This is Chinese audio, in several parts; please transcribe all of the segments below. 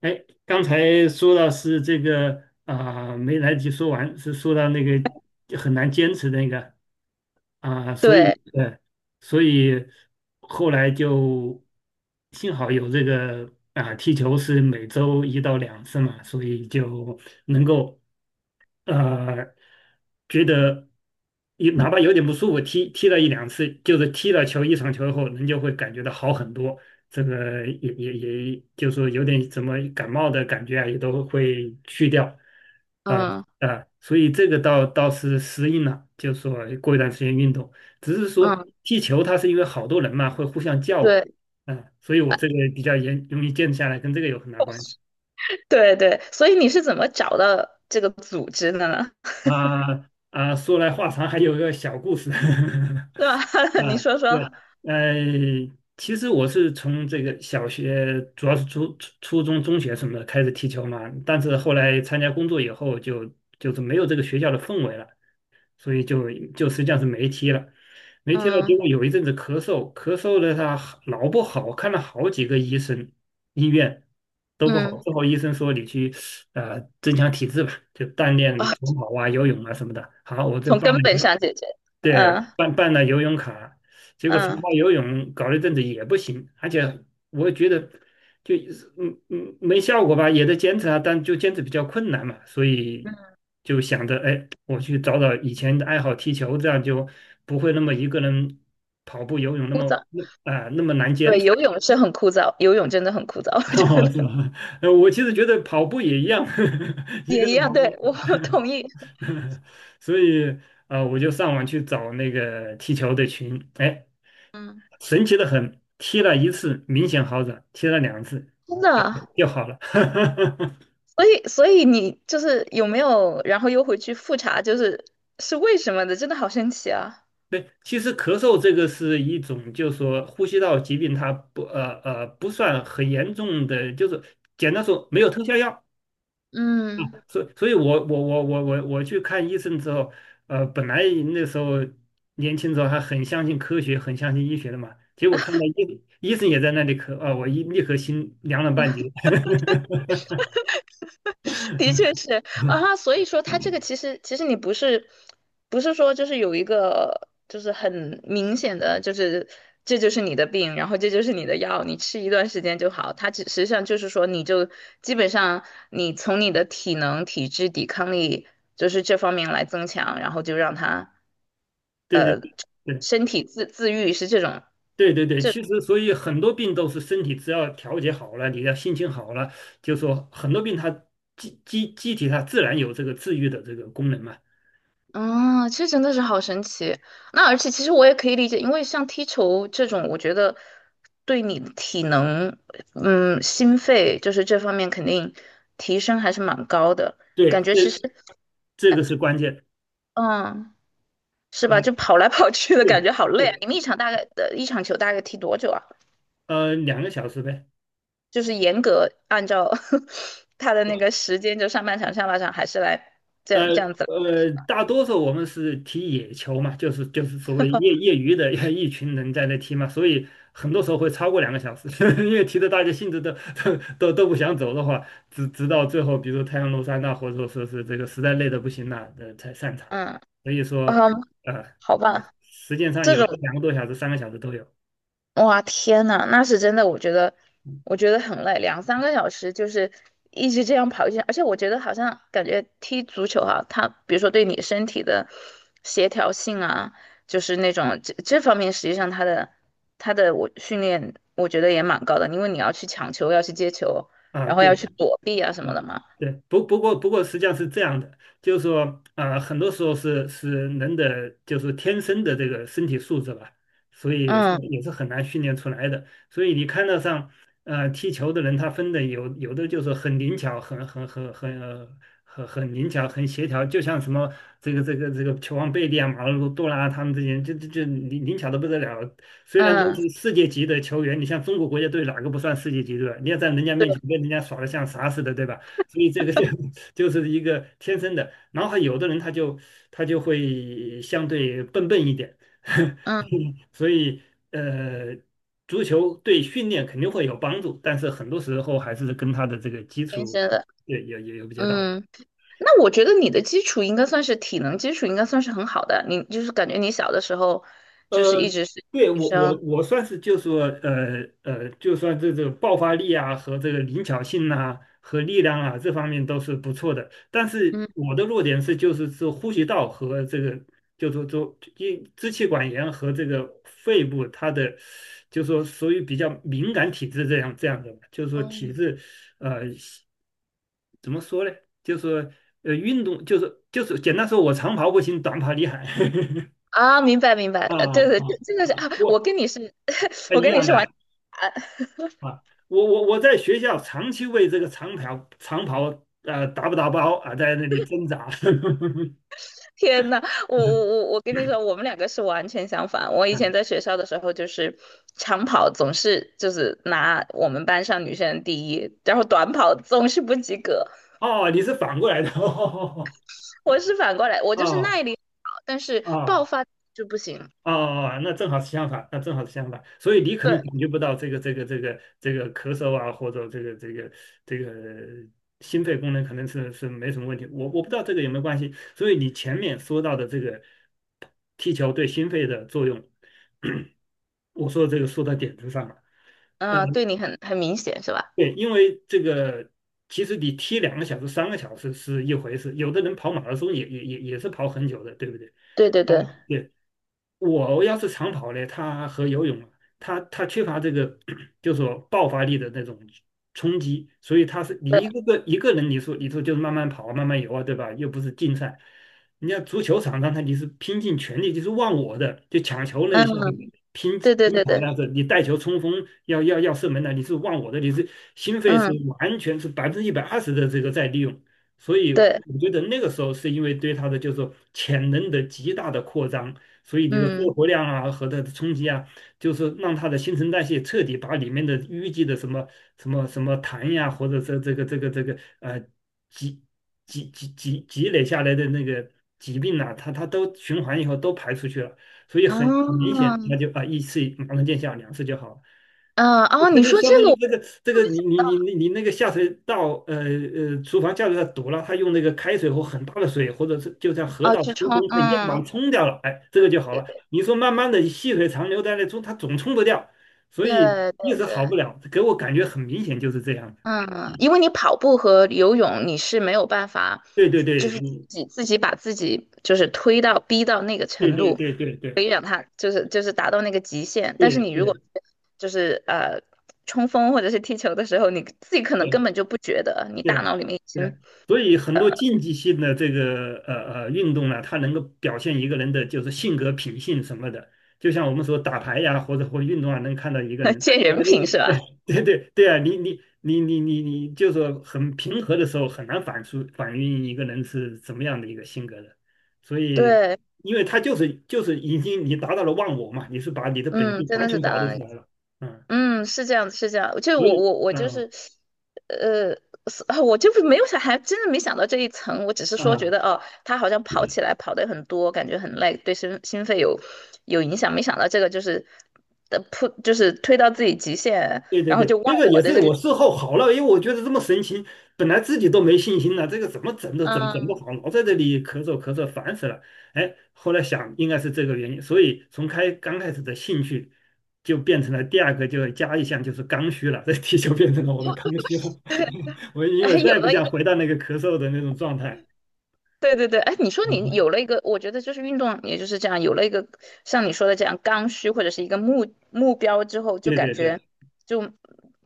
哎，刚才说到是这个啊、没来得及说完，是说到那个很难坚持那个啊、所以对，所以后来就幸好有这个啊、踢球是每周一到两次嘛，所以就能够呃，觉得有哪怕有点不舒服，踢了一两次，就是踢了球一场球后，人就会感觉到好很多。这个也，就是说有点怎么感冒的感觉啊，也都会去掉。呃嗯所以这个倒是适应了，就是说过一段时间运动，只是说嗯，踢球它是因为好多人嘛，会互相叫唤，对。 所以我这个比较严容易坚持下来，跟这个有很大关系。对对，所以你是怎么找到这个组织的呢？啊啊，说来话长，还有个小故事。对吧？你啊，说说。对，呃，其实我是从这个小学，主要是初中、中学什么的开始踢球嘛，但是后来参加工作以后就是没有这个学校的氛围了。所以就实际上是没踢了，没踢了。结嗯果有一阵子咳嗽，咳嗽的他老不好，看了好几个医生、医院都不好。嗯最后医生说你去增强体质吧，就锻炼啊，长跑啊、游泳啊什么的。好，我这从办根本了，上解决。嗯对，办了游泳卡，结果长嗯跑游泳搞了一阵子也不行，而且我觉得。就没效果吧，也在坚持啊，但就坚持比较困难嘛，所以嗯，就想着，哎，我去找找以前的爱好，踢球，这样就不会那么一个人跑步、游泳那枯么燥。啊、那么难坚对，持，游泳 是很枯燥，游泳真的很枯燥，我觉哦是得吧？我其实觉得跑步也一样，一也个一人样。跑步，对，我 同意。所以我就上网去找那个踢球的群，哎，神奇的很，踢了一次明显好转，踢了两次真就的。就好了。所以你就是有没有，然后又回去复查，就是是为什么的，真的好神奇啊。对，其实咳嗽这个是一种，就是说呼吸道疾病，它不算很严重的，就是简单说没有特效药，嗯。所以我去看医生之后，本来那时候年轻时候还很相信科学，很相信医学的嘛，结果看到医生也在那里咳啊，我一立刻心凉了半截。的确是啊，所以说它这个其实你不是说就是有一个就是很明显的就是这就是你的病，然后这就是你的药，你吃一段时间就好。它只实际上就是说你就基本上你从你的体能、体质、抵抗力就是这方面来增强，然后就让它对对对，身体自愈是这种。对对对，其实所以很多病都是身体只要调节好了，你的心情好了，就说很多病它机体它自然有这个治愈的这个功能嘛。啊，这真的是好神奇。那而且其实我也可以理解，因为像踢球这种，我觉得对你的体能，嗯，心肺就是这方面肯定提升还是蛮高的。感对，觉这其实，这个是关键。嗯，是吧？就啊。跑来跑去的感对觉好累啊。你对，们一场大概的一场球大概踢多久啊？两个小时呗。就是严格按照 他的那个时间，就上半场、下半场，还是来这呃样这样子？大多数我们是踢野球嘛，就是所谓业余的 一群人在那踢嘛，所以很多时候会超过两个小时，因为踢的大家兴致都不想走的话，直到最后，比如太阳落山呐，或者说是这个实在累的不行了，才散场。嗯。所以嗯。说，呃，好吧。时间上这有时候种。两个多小时、三个小时都有哇，天呐，那是真的。我觉得，我觉得很累，两三个小时就是一直这样跑一圈。而且我觉得好像感觉踢足球哈、它比如说对你身体的协调性啊，就是那种这方面，实际上它的我训练，我觉得也蛮高的，因为你要去抢球，要去接球，啊。然后对，要去躲避啊什么的啊，嘛。对，不过实际上是这样的，就是说，啊，很多时候是人的就是天生的这个身体素质吧，所以是嗯也是很难训练出来的。所以你看到上，踢球的人他分的有的就是很灵巧，很灵巧，很协调，就像什么这个球王贝利啊、马尔多纳啊他们这些人，就灵巧的不得了，虽然都嗯，是世界级的球员，你像中国国家队哪个不算世界级对吧？你要在人家对，面前跟人家耍的像啥似的，对吧？所以这个就 就是一个天生的。然后还有的人他就会相对笨笨一点，嗯，所以呃，足球对训练肯定会有帮助，但是很多时候还是跟他的这个基天础生的。对有比较大。嗯。那我觉得你的基础应该算是体能基础，应该算是很好的。你就是感觉你小的时候就是一呃，直是对医我我生。我算是就说就算这个爆发力啊和这个灵巧性啊和力量啊这方面都是不错的，但是嗯。我的弱点是就是说呼吸道和这个就说就因支气管炎和这个肺部它的就说属于比较敏感体质这样这样的，就是说体哦。质呃怎么说呢？就说运动就是简单说我长跑不行，短跑厉害 啊，明白明白，啊啊对对，这个是啊，啊，我我跟你是，我一跟你样是完。的。啊，我在学校长期为这个长跑长跑打不打包啊，在那里挣扎。天呐，我我我 我跟你说，我们两个是完全相反。我以前在学校的时候就是长跑总是就是拿我们班上女生第一，然后短跑总是不及格。哦，你是反过来的，哦我是反过来，我就是哦耐力好，但是爆哦发就不行。哦，那正好是相反，那正好是相反，所以你可能对。感觉不到这个咳嗽啊，或者这个心肺功能可能是没什么问题，我不知道这个有没有关系，所以你前面说到的这个踢球对心肺的作用，我说这个说到点子上了。嗯，嗯，对你很很明显是吧？对，因为这个其实你踢两个小时、三个小时是一回事，有的人跑马拉松也是跑很久的，对不对？对对啊，对，对，我要是长跑呢，他和游泳他缺乏这个 就是说爆发力的那种冲击，所以他是你对，一个人你说就是慢慢跑啊慢慢游啊，对吧？又不是竞赛，你家足球场上他你是拼尽全力，就是忘我的，就抢球那一下子嗯，拼对对拼对抢对，那样子，你带球冲锋要射门的，你是忘我的，你是心肺是嗯，完全是120%的这个在利用。所以对，我觉得那个时候是因为对他的就是说潜能的极大的扩张，所以你的肺嗯。活量啊和它的冲击啊，就是让它的新陈代谢彻底把里面的淤积的什么痰呀，或者是这个积积累下来的那个疾病呐、它都循环以后都排出去了，所以很明哦。显，它就一次马上见效，两次就好了。嗯。哦，它你就说相这当于个我。这个你那个下水道呃呃厨房下水道堵了，他用那个开水或很大的水，或者是就像河哦，道去疏冲。通，它一样把它嗯，冲掉了，哎，这个就好了。对你说慢慢的细水长流在那冲，它总冲不掉，所以对一对直好不对。了，给我感觉很明显就是这样的。嗯，因为你跑步和游泳，你是没有办法，对对就对，是你自己把自己就是推到逼到那个对程对度，对对可对以让他就是达到那个极限。但是对你如果对就是冲锋或者是踢球的时候，你自己可能根本对。就不觉得，你对大啊，脑里面已对啊，经 所以很多竞技性的这个运动呢，它能够表现一个人的就是性格、品性什么的。就像我们说打牌呀，或者运动啊，能看到一个 人，见哎，人品是吧？哎对对对啊，你你你你你你，就是很平和的时候，很难反映一个人是怎么样的一个性格的。所以，对。因为他就是已经你达到了忘我嘛，你是把你的本嗯，性真完的是全达暴到露那出个。来了，嗯，嗯，是这样子，是这样就所我以，我我就嗯是。呃，是啊 我就没有想，还真的没想到这一层。我只是说觉嗯。得，哦，他好像跑起来跑得很多，感觉很累，对心肺有有影响。没想到这个就是的扑，就是推到自己极限，对对然后对，就忘那个我也的是这个 我事后好了，因为我觉得这么神奇，本来自己都没信心了，这个怎么整 都整不嗯，好，老在这里咳嗽咳嗽，烦死了。哎，后来想应该是这个原因，所以从刚开始的兴趣就变成了第二个，就加一项就是刚需了，这题就变成了我的刚需了。我因为还再有也不了一想个，回到那个咳嗽的那种状态。对对对。哎，你说你有了 一个，我觉得就是运动，也就是这样，有了一个像你说的这样刚需或者是一个目标之后，就对感对对。觉就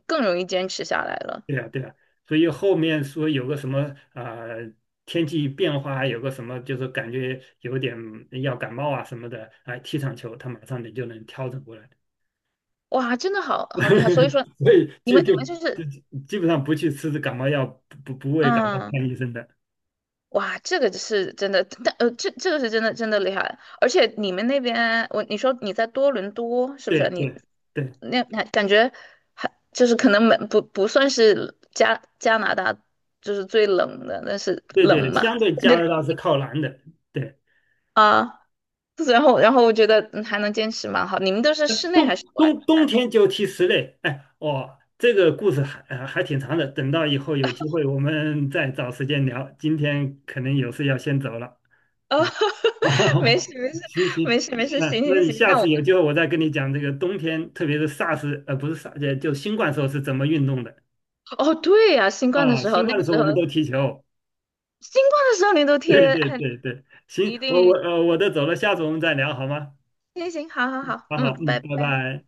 更容易坚持下来了。对呀，对呀，所以后面说有个什么啊，天气变化，有个什么就是感觉有点要感冒啊什么的，哎，踢场球他马上你就能调整过来，哇，真的好好厉害！所以说，所以你就们你就们就是。就基本上不去吃感冒药，不为感冒看嗯。医生的。哇，这个是真的，但这个是真的真的厉害。而且你们那边，我你说你在多伦多是不对是？你对对那那感觉还就是可能没不算是加拿大就是最冷的，但是对对，冷嘛，相对感加觉拿大是靠南的，对啊，然后我觉得嗯还能坚持蛮好。你们都是室内还冬是室外？冬冬天就踢室内，哎，哦，这个故事还还挺长的，等到以后有机会我们再找时间聊。今天可能有事要先走了，哦，嗯，没事没事 行行，那行那行你行，下那次我。有机会我再跟你讲这个冬天，特别是 SARS 不是 SARS 就新冠时候是怎么运动的哦，对呀、新冠的啊、时候，新那冠的个时候时我候们都踢球，新冠的时候你都 对贴，对哎，对对，你行，一我我定呃我都走了，下次我们再聊好吗？行行，好好好，好好，嗯，拜嗯，拜拜。拜。